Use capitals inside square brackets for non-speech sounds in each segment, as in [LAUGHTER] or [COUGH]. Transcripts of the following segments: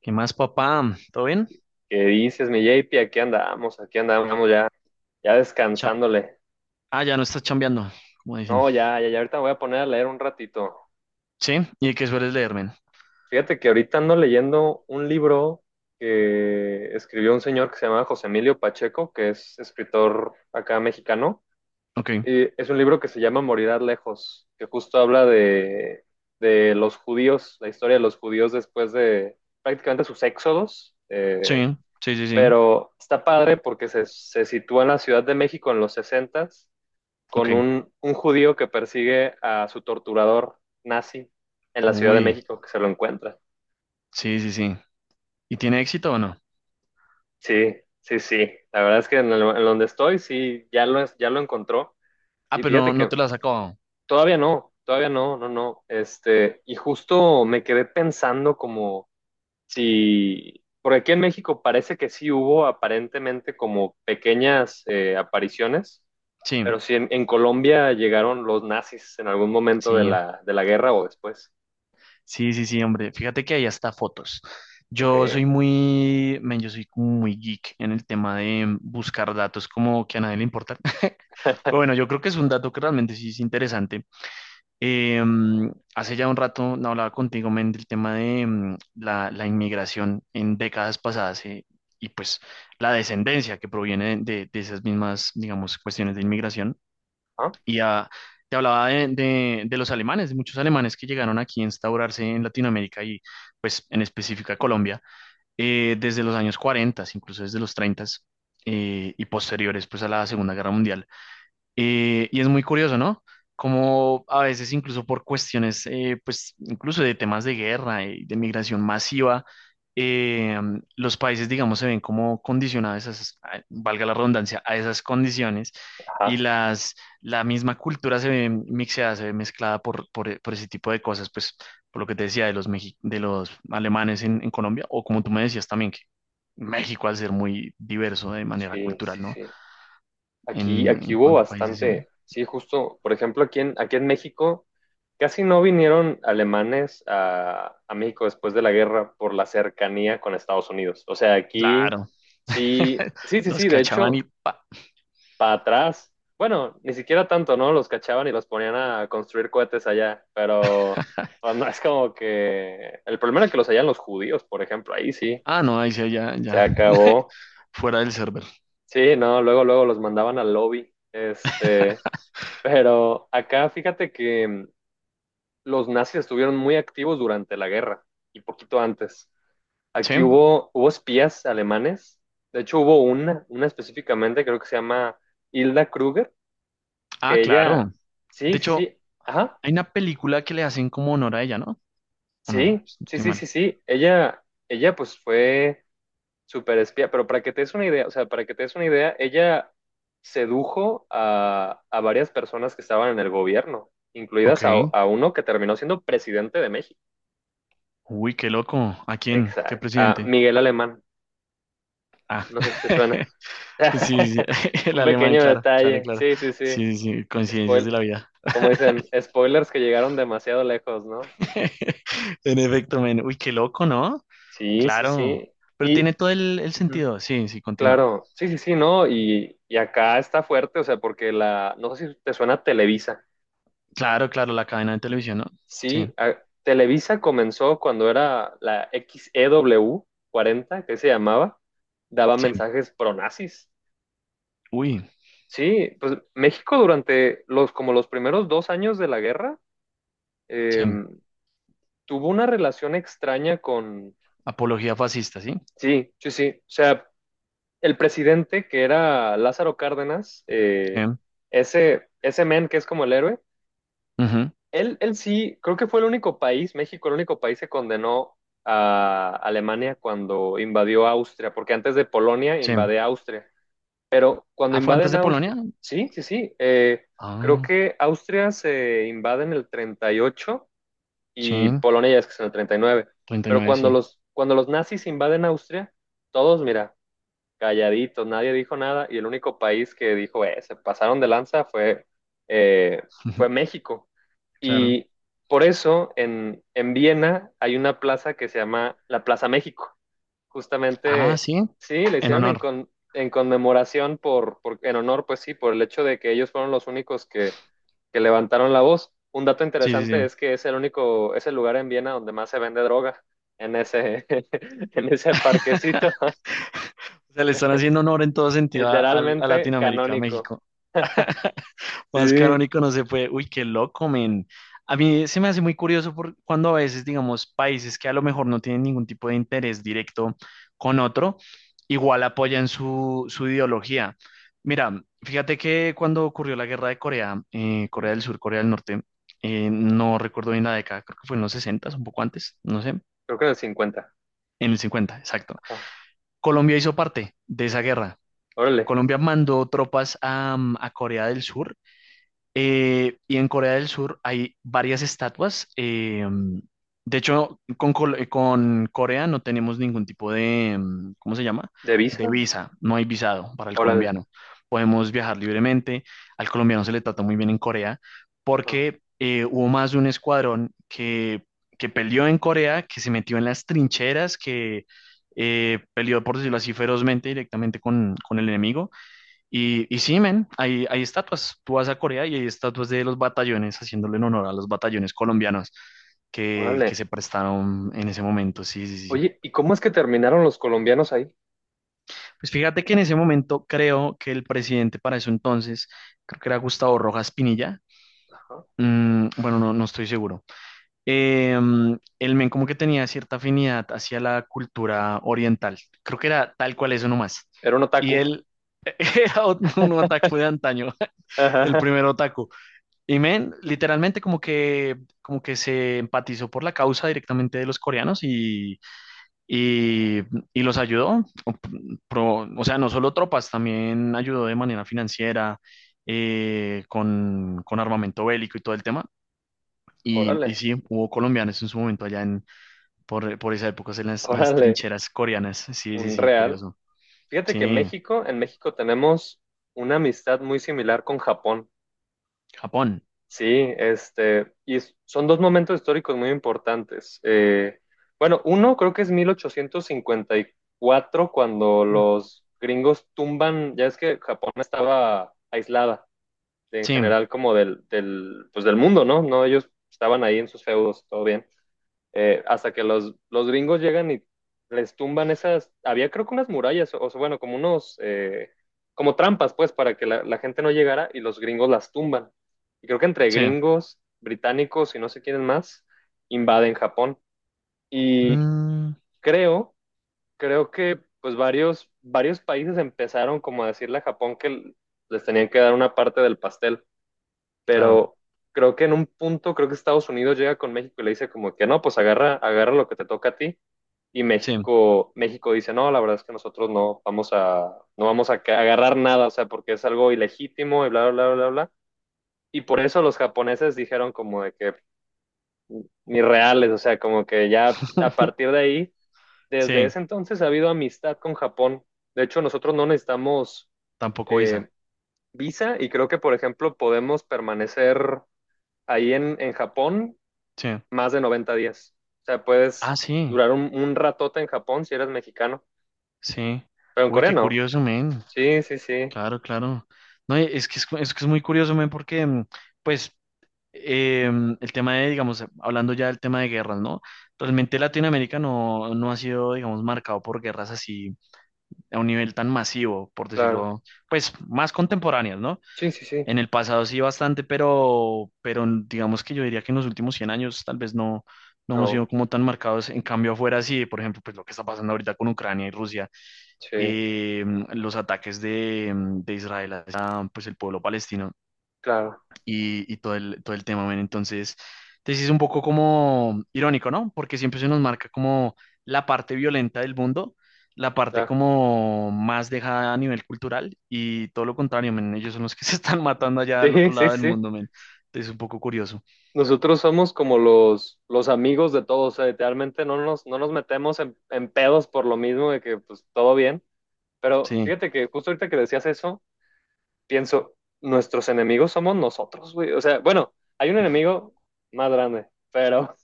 ¿Qué más, papá? ¿Todo bien? ¿Qué dices, mi JP? Aquí andamos ya, ya Cha- descansándole. Ya no estás chambeando, como dicen. No, ya, ya, ya ahorita me voy a poner a leer un ratito. Sí, ¿y qué sueles leer, men? Fíjate que ahorita ando leyendo un libro que escribió un señor que se llama José Emilio Pacheco, que es escritor acá mexicano. Ok, Y es un libro que se llama Morirás lejos, que justo habla de los judíos, la historia de los judíos después de prácticamente sus éxodos. Sí, sí, sí, sí. Pero está padre porque se sitúa en la Ciudad de México en los 60s Ok, con un judío que persigue a su torturador nazi en la Ciudad de uy, México, que se lo encuentra. sí, sí, sí. ¿Y tiene éxito o no? Sí, sí, sí. La verdad es que en donde estoy, sí, ya lo encontró. Ah, Y pero no, fíjate no que te lo has acabado. Todavía no, no, no. Este, y justo me quedé pensando como si, por aquí en México parece que sí hubo aparentemente como pequeñas apariciones, Sí, pero si en Colombia llegaron los nazis en algún momento de sí, la guerra o después. sí, sí, sí, hombre. Fíjate que hay hasta fotos. Ok. Yo soy muy, men, yo soy como muy geek en el tema de buscar datos como que a nadie le importan. [LAUGHS] Pero bueno, yo creo que es un dato que realmente sí es interesante. Hace ya un rato no hablaba contigo, men, del tema de la inmigración en décadas pasadas y pues la descendencia que proviene de esas mismas, digamos, cuestiones de inmigración. Ah, Y te hablaba de, de los alemanes, de muchos alemanes que llegaron aquí a instaurarse en Latinoamérica y pues en específico a Colombia desde los años 40, incluso desde los 30 y posteriores pues a la Segunda Guerra Mundial. Y es muy curioso, ¿no? Como a veces incluso por cuestiones, pues incluso de temas de guerra y de migración masiva, eh, los países, digamos, se ven como condicionados, valga la redundancia, a esas condiciones y ajá, la misma cultura se ve mixeada, se ve mezclada por ese tipo de cosas, pues por lo que te decía de los, de los alemanes en Colombia, o como tú me decías también, que México al ser muy diverso de manera sí, sí, cultural, ¿no? sí. Aquí, aquí En hubo cuanto a países, sí. bastante, sí, justo, por ejemplo, aquí en México casi no vinieron alemanes a México después de la guerra por la cercanía con Estados Unidos. O sea, aquí Claro. sí, [LAUGHS] sí, sí, Los sí, de cachaban y hecho, pa. para atrás, bueno, ni siquiera tanto, ¿no? Los cachaban y los ponían a construir cohetes allá, pero pues, no es como que el problema era que los hallan los judíos, por ejemplo, ahí sí, Ah, no, ahí sí, ya, se ya. [LAUGHS] acabó. Fuera del server. Sí, no, luego, luego los mandaban al lobby. Este, [LAUGHS] pero acá fíjate que los nazis estuvieron muy activos durante la guerra y poquito antes. Aquí Sí. hubo espías alemanes. De hecho, hubo una específicamente, creo que se llama Hilda Kruger, Ah, que ella, claro. sí, De sí, hecho, sí, ajá, hay una película que le hacen como honor a ella, ¿no? ¿O no? sí, sí, Estoy sí, sí, mal. sí. Ella pues fue super espía, pero para que te des una idea, o sea, para que te des una idea, ella sedujo a varias personas que estaban en el gobierno, Ok. incluidas a uno que terminó siendo presidente de México. Uy, qué loco. ¿A quién? ¿Qué Exacto. A presidente? Miguel Alemán, Ah. no sé si te suena. [LAUGHS] Sí, sí. [LAUGHS] [LAUGHS] El Un alemán, pequeño claro, claro, detalle, claro. sí, sí, sí. Sí, sí, sí, coincidencias de Spoil, la vida. como dicen, spoilers que llegaron demasiado lejos, ¿no? [LAUGHS] En efecto, men. Uy, qué loco, ¿no? Sí, sí, Claro. sí. Pero Y, tiene todo el ujú, sentido. Sí, sí, continúa. claro, sí, sí, sí, ¿no? Y acá está fuerte, o sea, porque la, no sé si te suena Televisa. Claro, claro, la cadena de televisión, ¿no? Sí, Sí, Televisa comenzó cuando era la XEW 40, que se llamaba, daba sí. mensajes pronazis. Uy, Sí, pues México durante como los primeros 2 años de la guerra, eh, sí. tuvo una relación extraña con, Apología fascista, ¿sí? sí, sí, sí, o sea, el presidente que era Lázaro Cárdenas, Sí. ese men que es como el héroe. Ujú, Él sí, creo que fue el único país, México, el único país que condenó a Alemania cuando invadió Austria, porque antes de Polonia sí. invade Austria. Pero cuando Ah, ¿fue antes invaden de Polonia? Austria, sí, sí, sí, creo Ah, que Austria se invade en el 38 sí. y Polonia ya es que es en el 39. treinta y Pero nueve, cuando sí. cuando los nazis invaden Austria, todos, mira, calladitos, nadie dijo nada y el único país que dijo, se pasaron de lanza eh, fue [LAUGHS] México. Claro. Y por eso en Viena hay una plaza que se llama la Plaza México. Ah, Justamente, sí. sí, la En hicieron honor. En conmemoración en honor, pues sí, por el hecho de que ellos fueron los únicos que levantaron la voz. Un dato Sí, sí, interesante sí. es que es el lugar en Viena donde más se vende droga, en ese, [LAUGHS] en ese parquecito, [LAUGHS] O sea, le están haciendo honor en todo sentido a, a literalmente Latinoamérica, a canónico. México. Más Sí. canónico no se puede. Uy, qué loco, men. A mí se me hace muy curioso por cuando a veces, digamos, países que a lo mejor no tienen ningún tipo de interés directo con otro, igual apoyan su, su ideología. Mira, fíjate que cuando ocurrió la guerra de Corea, Corea del Sur, Corea del Norte, no recuerdo bien la década, creo que fue en los 60, un poco antes, no sé, Creo que en el 50. en el 50 exacto. Ajá. Colombia hizo parte de esa guerra. Órale. Colombia mandó tropas a Corea del Sur y en Corea del Sur hay varias estatuas. De hecho, con, con Corea no tenemos ningún tipo de, ¿cómo se llama? ¿De De visa? visa. No hay visado para el Órale. colombiano. Podemos viajar libremente. Al colombiano se le trata muy bien en Corea Ajá. porque hubo más de un escuadrón que peleó en Corea, que se metió en las trincheras, que peleó, por decirlo así, ferozmente directamente con el enemigo y sí, men, hay estatuas. Tú vas a Corea y hay estatuas de los batallones, haciéndole en honor a los batallones colombianos que Órale. se prestaron en ese momento. Sí, sí, sí. Oye, ¿y cómo es que terminaron los colombianos ahí? Pues fíjate que en ese momento creo que el presidente para eso entonces, creo que era Gustavo Rojas Pinilla. Ajá. Bueno, no, no estoy seguro. El men como que tenía cierta afinidad hacia la cultura oriental. Creo que era tal cual eso nomás. Era un Y otaku. él [LAUGHS] era un otaku de antaño, el Ajá. primer otaku. Y men, literalmente como que se empatizó por la causa directamente de los coreanos y, y los ayudó. O sea, no solo tropas, también ayudó de manera financiera, con armamento bélico y todo el tema. Y Órale, sí, hubo colombianos en su momento allá en, por esa época en las órale, trincheras coreanas. Sí, sí, un sí, real. curioso. Fíjate que Sí, México, en México tenemos una amistad muy similar con Japón. Japón. Sí, este, y son dos momentos históricos muy importantes. Bueno, uno creo que es 1854 cuando los gringos tumban, ya es que Japón estaba aislada en Sí, general como pues del mundo, ¿no? No, ellos estaban ahí en sus feudos, todo bien. Hasta que los gringos llegan y les tumban había creo que unas murallas, o, sea, bueno, como unos, como trampas, pues, para que la gente no llegara y los gringos las tumban. Y creo que entre sí. gringos, británicos y no sé quiénes más, invaden Japón. Y Mm, creo, creo que pues varios países empezaron como a decirle a Japón que les tenían que dar una parte del pastel claro, pero creo que en un punto, creo que Estados Unidos llega con México y le dice como que no, pues agarra lo que te toca a ti. Y sí, México dice, no, la verdad es que nosotros no vamos a agarrar nada, o sea, porque es algo ilegítimo y bla, bla, bla, bla, bla. Y por eso los japoneses dijeron como de que ni reales, o sea, como que ya a [LAUGHS] partir de ahí, desde sí, ese entonces ha habido amistad con Japón. De hecho, nosotros no necesitamos tampoco visa. eh, visa y creo que, por ejemplo, podemos permanecer ahí en Japón Sí. más de 90 días. O sea, Ah, puedes sí, durar un ratote en Japón si eres mexicano, sí. pero en Uy, Corea qué no. curioso, men. Sí, sí, sí, Claro, claro. No, y es que es, es que es muy curioso, men, porque, pues, el tema de, digamos, hablando ya del tema de guerras, ¿no? Realmente Latinoamérica no, no ha sido, digamos, marcado por guerras así a un nivel tan masivo, por claro. decirlo, pues, más contemporáneas, ¿no? Sí, sí, sí. En el pasado sí bastante, pero, pero digamos que yo diría que en los últimos 100 años tal vez no, no hemos sido No, como tan marcados. En cambio, afuera sí, por ejemplo, pues lo que está pasando ahorita con Ucrania y Rusia sí, eh, los ataques de Israel a pues, el pueblo palestino claro, y todo el tema, men. Entonces, entonces es un poco como irónico, ¿no? Porque siempre se nos marca como la parte violenta del mundo, la parte claro. como más dejada a nivel cultural y todo lo contrario, men. Ellos son los que [LAUGHS] se están matando [LAUGHS] allá al Sí, otro sí, lado del sí. mundo, men. Entonces es un poco curioso. Nosotros somos como los amigos de todos, o sea, literalmente no nos metemos en pedos por lo mismo de que pues todo bien, pero Sí, fíjate que justo ahorita que decías eso, pienso, nuestros enemigos somos nosotros, güey. O sea, bueno, hay un enemigo más grande, pero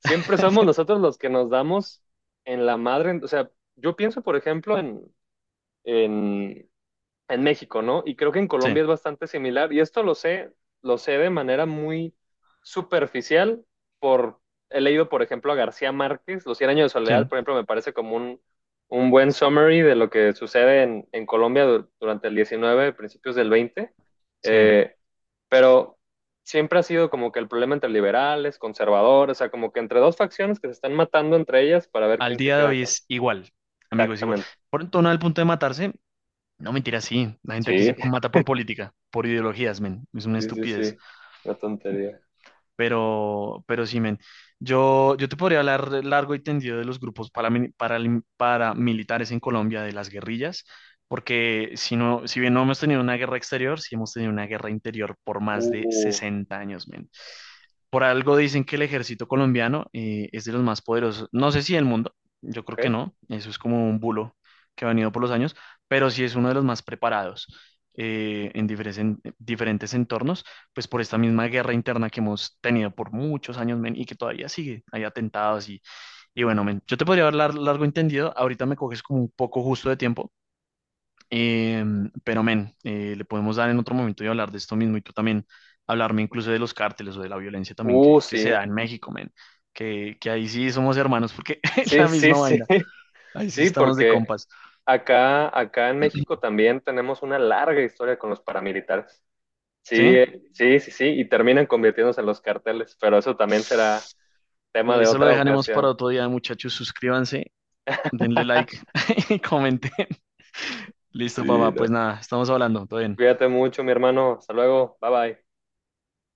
siempre somos [LAUGHS] nosotros los que nos damos en la madre. O sea, yo pienso, por ejemplo, en, en México, ¿no? Y creo que en sí, Colombia es bastante similar. Y esto lo sé de manera muy superficial por, he leído, por ejemplo, a García Márquez, Los Cien años de sí, soledad, por ejemplo, me parece como un buen summary de lo que sucede en Colombia durante el 19 principios del 20. sí. Eh, pero siempre ha sido como que el problema entre liberales, conservadores, o sea, como que entre dos facciones que se están matando entre ellas para ver Al quién se día de queda hoy con. es igual, amigos, igual. Exactamente. Por en torno al punto de matarse, no, mentira, sí. La gente aquí Sí, se mata por política, por ideologías, men. Es una sí, sí, estupidez. sí. Una tontería. Pero sí, men. Yo te podría hablar largo y tendido de los grupos paramilitares en Colombia, de las guerrillas, porque si no, si bien no hemos tenido una guerra exterior, sí hemos tenido una guerra interior por más de Uh, 60 años, men. Por algo dicen que el ejército colombiano es de los más poderosos. No sé si del mundo, yo creo que ok. no, eso es como un bulo que ha venido por los años, pero sí es uno de los más preparados en diferentes entornos, pues por esta misma guerra interna que hemos tenido por muchos años men, y que todavía sigue. Hay atentados y bueno, men, yo te podría hablar largo y tendido, ahorita me coges como un poco justo de tiempo, eh, pero, men, le podemos dar en otro momento y hablar de esto mismo y tú también hablarme incluso de los cárteles o de la violencia también que se da Sí. en México, men. Que ahí sí somos hermanos porque [LAUGHS] es Sí, la sí, misma sí. vaina. [LAUGHS] Ahí sí Sí, estamos de porque compas. acá en México también tenemos una larga historia con los paramilitares. Sí, ¿Sí? Sí, sí, sí, y terminan convirtiéndose en los carteles, pero eso también será tema de Eso lo otra dejaremos para ocasión. otro día, muchachos. Suscríbanse, denle like [LAUGHS] [LAUGHS] y comenten. Listo, Sí, papá. no. Pues nada, estamos hablando. Todo bien. Cuídate mucho, mi hermano. Hasta luego. Bye bye.